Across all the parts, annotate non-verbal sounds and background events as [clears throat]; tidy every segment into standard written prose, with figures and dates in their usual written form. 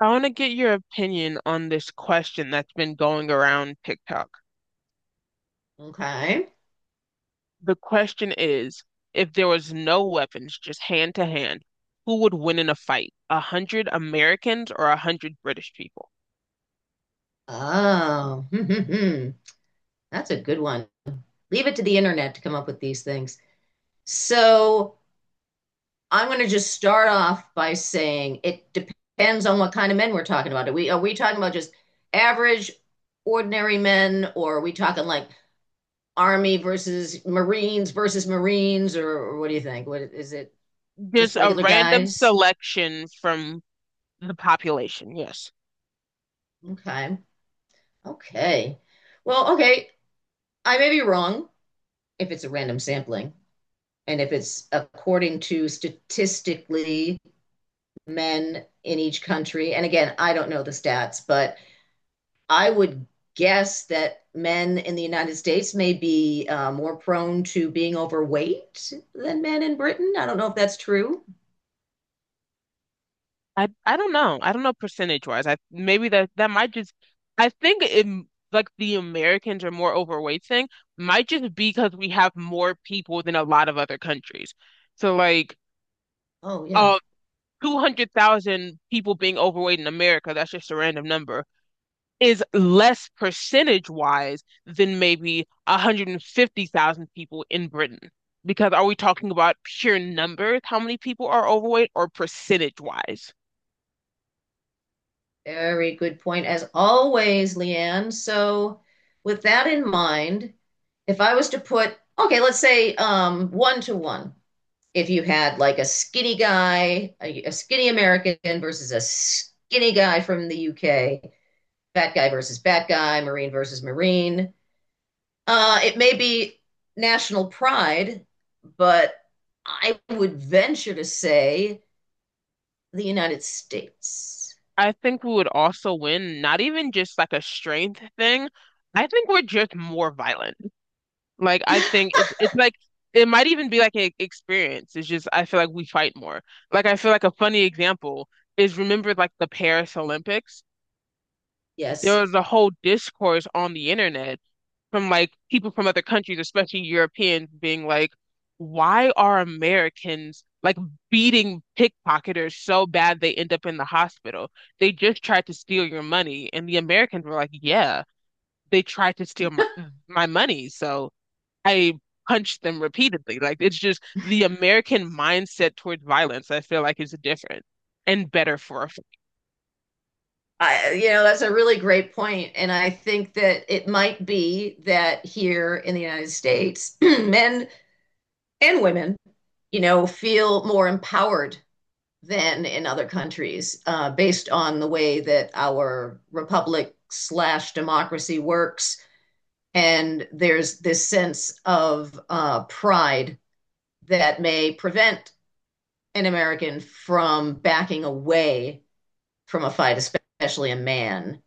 I want to get your opinion on this question that's been going around TikTok. Okay. The question is, if there was no weapons, just hand to hand, who would win in a fight? A hundred Americans or a hundred British people? Oh, [laughs] that's a good one. Leave it to the internet to come up with these things. So I'm going to just start off by saying it depends on what kind of men we're talking about. Are we talking about just average, ordinary men, or are we talking like Army versus Marines, or what do you think? What is it? Just Just a regular random guys? selection from the population. Yes. Okay. Okay. Well, okay. I may be wrong if it's a random sampling. And if it's according to statistically men in each country, and again, I don't know the stats, but I would guess that men in the United States may be more prone to being overweight than men in Britain. I don't know if that's true. I don't know. I don't know percentage wise. I maybe that might just. I think it m- like the Americans are more overweight thing might just be because we have more people than a lot of other countries. So like Oh, yeah. of 200,000 people being overweight in America, that's just a random number, is less percentage wise than maybe 150,000 people in Britain. Because are we talking about pure numbers, how many people are overweight, or percentage wise? Very good point, as always, Leanne. So, with that in mind, if I was to put, okay, let's say one to one, if you had like a skinny guy, a skinny American versus a skinny guy from the UK, fat guy versus fat guy, Marine versus Marine. It may be national pride, but I would venture to say the United States. I think we would also win, not even just like a strength thing. I think we're just more violent. Like I think it's like it might even be like an experience. It's just I feel like we fight more. Like I feel like a funny example is remember like the Paris Olympics. There Yes. was a whole discourse on the internet from like people from other countries, especially Europeans, being like, "Why are Americans like beating pickpocketers so bad they end up in the hospital? They just tried to steal your money." And the Americans were like, "Yeah, they tried to steal my money, so." I punched them repeatedly. Like it's just the American mindset towards violence, I feel like is different and better for a f- You know, that's a really great point, and I think that it might be that here in the United States, [clears throat] men and women, you know, feel more empowered than in other countries, based on the way that our republic slash democracy works. And there's this sense of pride that may prevent an American from backing away from a fight, especially a man.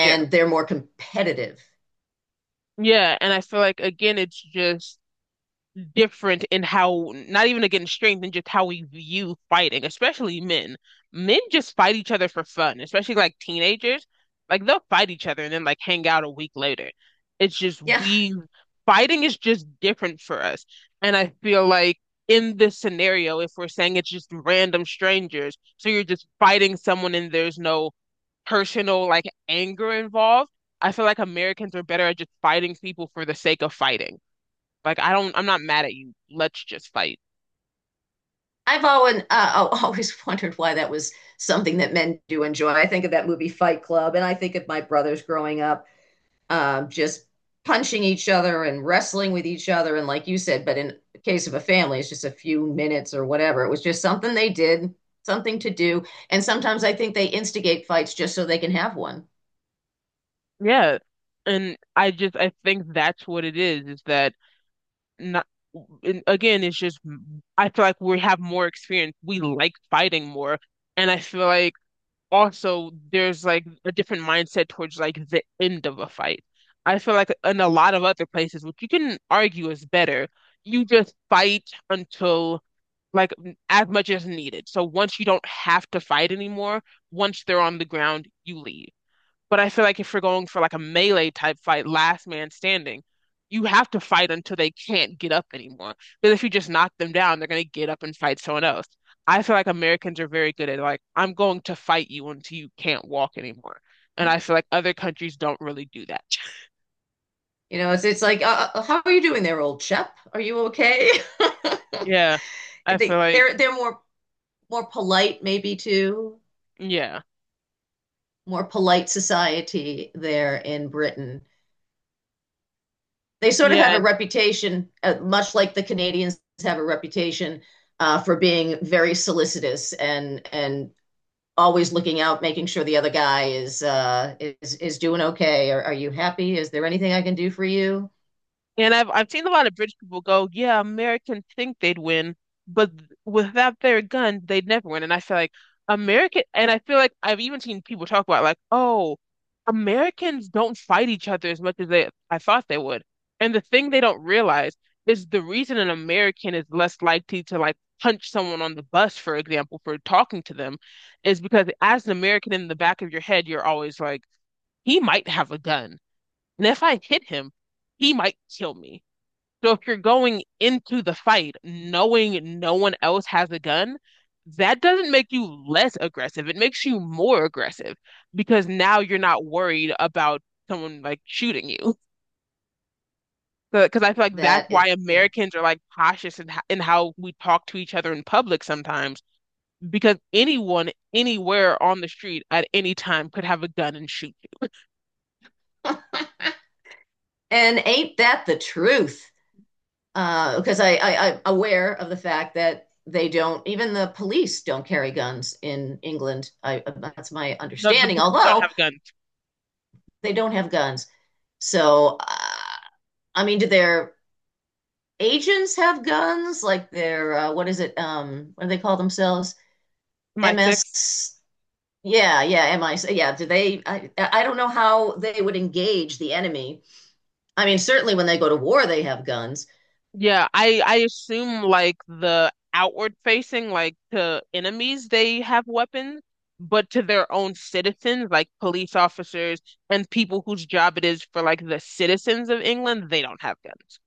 yeah. they're more competitive. Yeah, and I feel like again it's just different in how not even against strength and just how we view fighting, especially men. Men just fight each other for fun, especially like teenagers. Like they'll fight each other and then like hang out a week later. It's just Yeah, we fighting is just different for us. And I feel like in this scenario, if we're saying it's just random strangers, so you're just fighting someone and there's no personal like anger involved, I feel like Americans are better at just fighting people for the sake of fighting. Like I don't I'm not mad at you. Let's just fight. I've always [laughs] always wondered why that was something that men do enjoy. I think of that movie Fight Club, and I think of my brothers growing up just punching each other and wrestling with each other. And like you said, but in the case of a family, it's just a few minutes or whatever. It was just something they did, something to do. And sometimes I think they instigate fights just so they can have one. Yeah. And I just I think that's what it is that not and again, it's just I feel like we have more experience. We like fighting more. And I feel like also there's like a different mindset towards like the end of a fight. I feel like in a lot of other places, which you can argue is better, you just fight until like as much as needed. So once you don't have to fight anymore, once they're on the ground, you leave. But I feel like if you're going for like a melee type fight, last man standing, you have to fight until they can't get up anymore. Because if you just knock them down, they're going to get up and fight someone else. I feel like Americans are very good at like, I'm going to fight you until you can't walk anymore. And I feel like other countries don't really do that. [laughs] You know, it's like, how are you doing there, old chap? Are you okay? [laughs] Yeah. I feel they, like, they're, they're more, more polite maybe too, yeah. more polite society there in Britain. They sort of have a Yeah. reputation, much like the Canadians have a reputation for being very solicitous and always looking out, making sure the other guy is is doing okay. Are you happy? Is there anything I can do for you? And I've seen a lot of British people go, yeah, Americans think they'd win, but th- without their gun, they'd never win. And I feel like American, and I feel like I've even seen people talk about like, oh, Americans don't fight each other as much as they I thought they would. And the thing they don't realize is the reason an American is less likely to like punch someone on the bus, for example, for talking to them, is because as an American in the back of your head, you're always like, he might have a gun, and if I hit him, he might kill me. So if you're going into the fight knowing no one else has a gun, that doesn't make you less aggressive. It makes you more aggressive because now you're not worried about someone like shooting you. Because I feel like that's That is, why yeah. Americans are like cautious in how we talk to each other in public sometimes, because anyone, anywhere on the street at any time could have a gun and shoot you. [laughs] And ain't that the truth? Because I I'm aware of the fact that they don't even the police don't carry guns in England. I, that's my No, the understanding. police don't Although have guns. they don't have guns, so. I mean, do their agents have guns? Like their what is it? What do they call themselves? My six. MS. Yeah, yeah, MI. Yeah, do they? I don't know how they would engage the enemy. I mean, certainly when they go to war, they have guns. Yeah, I assume like the outward facing, like to enemies, they have weapons, but to their own citizens, like police officers and people whose job it is for like the citizens of England, they don't have guns.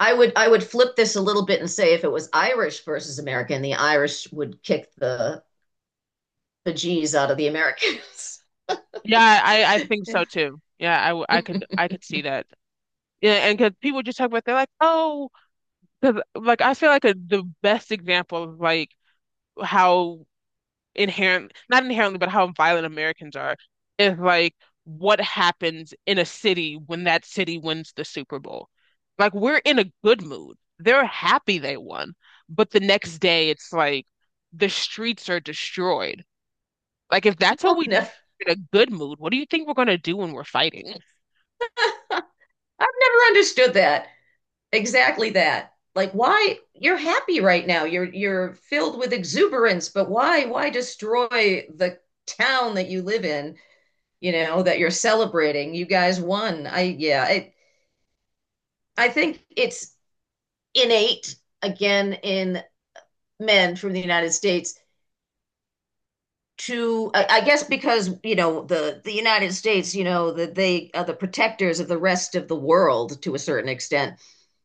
I would flip this a little bit and say if it was Irish versus American, the Irish would kick the bejeez out of the Americans. Yeah, I think so too. Yeah, I w- I could I [laughs] could see that. Yeah, and because people just talk about they're like, oh, 'cause, like I feel like a, the best example of like how inherent, not inherently, but how violent Americans are is like what happens in a city when that city wins the Super Bowl. Like we're in a good mood. They're happy they won. But the next day it's like the streets are destroyed. Like if that's what Oh we do no! in a good mood, what do you think we're gonna do when we're fighting? I've never understood that. Exactly that. Like why you're happy right now. You're filled with exuberance, but why destroy the town that you live in, you know, that you're celebrating? You guys won. I yeah, I think it's innate again in men from the United States to I guess because you know the United States you know that they are the protectors of the rest of the world to a certain extent,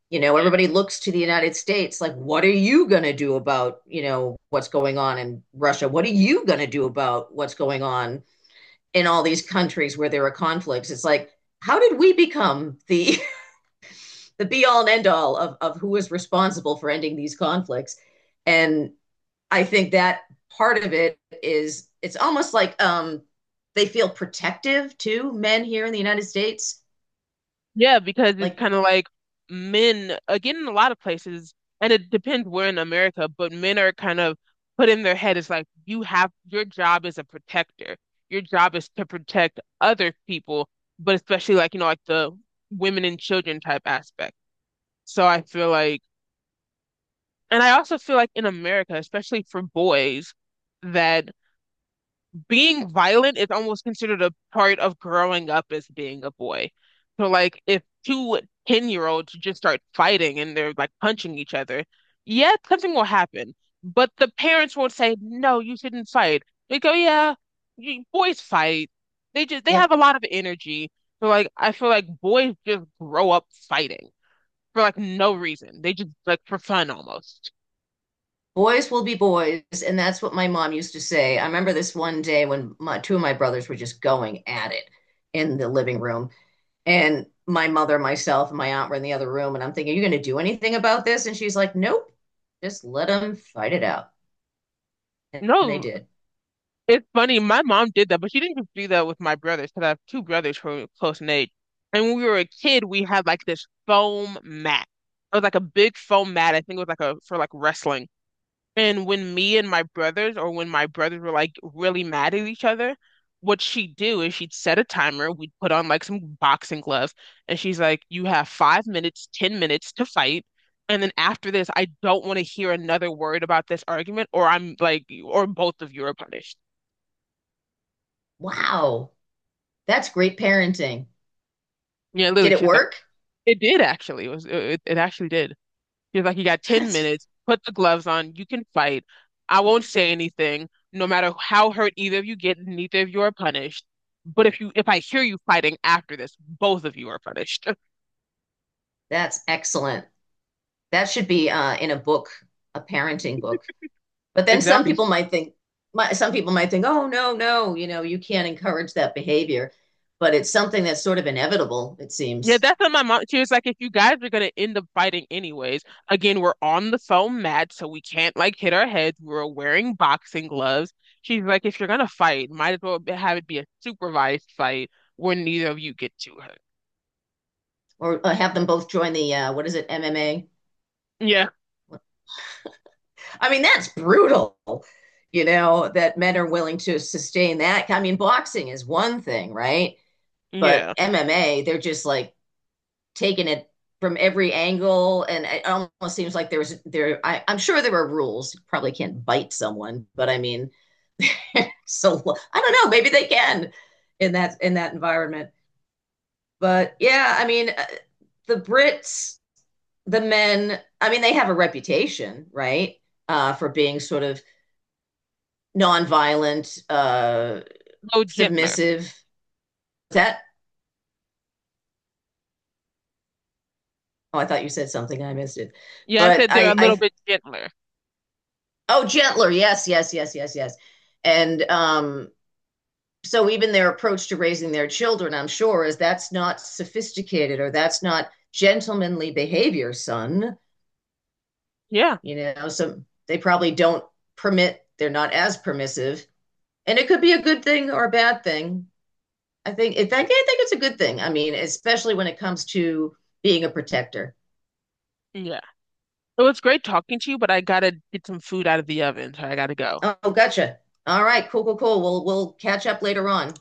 you know, everybody looks to the United States like, what are you going to do about, you know, what's going on in Russia? What are you going to do about what's going on in all these countries where there are conflicts? It's like, how did we become the [laughs] the be all and end all of who is responsible for ending these conflicts? And I think that part of it is it's almost like they feel protective to men here in the United States. Yeah, because it's Like, kind of like men, again, in a lot of places, and it depends where in America, but men are kind of put in their head, it's like you have your job is a protector. Your job is to protect other people, but especially like, you know, like the women and children type aspect. So I feel like, and I also feel like in America, especially for boys, that being violent is almost considered a part of growing up as being a boy. So like if 2 ten-year-olds year olds just start fighting and they're like punching each other, yeah, something will happen. But the parents won't say, no, you shouldn't fight. They go, yeah, you, boys fight. They just they have a yep. lot of energy. So like I feel like boys just grow up fighting for like no reason. They just like for fun almost. Boys will be boys, and that's what my mom used to say. I remember this one day when my, two of my brothers were just going at it in the living room, and my mother, myself, and my aunt were in the other room, and I'm thinking, "Are you going to do anything about this?" And she's like, "Nope, just let them fight it out," and they No, did. it's funny, my mom did that, but she didn't just do that with my brothers because I have two brothers who are close in age. And when we were a kid, we had like this foam mat. It was like a big foam mat. I think it was like a for like wrestling. And when me and my brothers, or when my brothers were like really mad at each other, what she'd do is she'd set a timer. We'd put on like some boxing gloves, and she's like, "You have 5 minutes, 10 minutes to fight." And then after this, I don't want to hear another word about this argument, or I'm like, or both of you are punished. Wow, that's great parenting. Yeah, literally, Did it she was like, work? it did actually. It was it, it actually did. She was like, you got [laughs] 10 That's minutes, put the gloves on, you can fight. I won't say anything, no matter how hurt either of you get, neither of you are punished. But if you if I hear you fighting after this, both of you are punished. [laughs] that's excellent. That should be in a book, a parenting book. But then some Exactly. people might think, my, some people might think, oh, no, no, you know, you can't encourage that behavior. But it's something that's sort of inevitable, it Yeah, seems. that's what my mom. She was like, if you guys are gonna end up fighting anyways, again, we're on the foam mat, so we can't like hit our heads. We're wearing boxing gloves. She's like, if you're gonna fight, might as well have it be a supervised fight where neither of you get too hurt. Or have them both join the, what is it, MMA? Yeah, I mean, that's brutal, you know, that men are willing to sustain that. I mean, boxing is one thing, right? But yeah. MMA, they're just like taking it from every angle and it almost seems like there was there I, I'm sure there are rules. You probably can't bite someone but I mean [laughs] so I don't know. Maybe they can in that environment. But yeah, I mean, the Brits, the men. I mean, they have a reputation, right, for being sort of nonviolent, No, gentler. submissive. Is that? Oh, I thought you said something. And I missed it. Yeah, I But said they're a little I. bit gentler. Oh, gentler. Yes, yes, yes, yes, yes. And so even their approach to raising their children, I'm sure, is that's not sophisticated or that's not gentlemanly behavior, son. Yeah, You know so they probably don't permit, they're not as permissive and it could be a good thing or a bad thing. I think it's a good thing, I mean especially when it comes to being a protector. yeah. It was great talking to you, but I gotta get some food out of the oven, so I gotta go. Oh, gotcha. All right, cool, cool, cool, we'll catch up later on.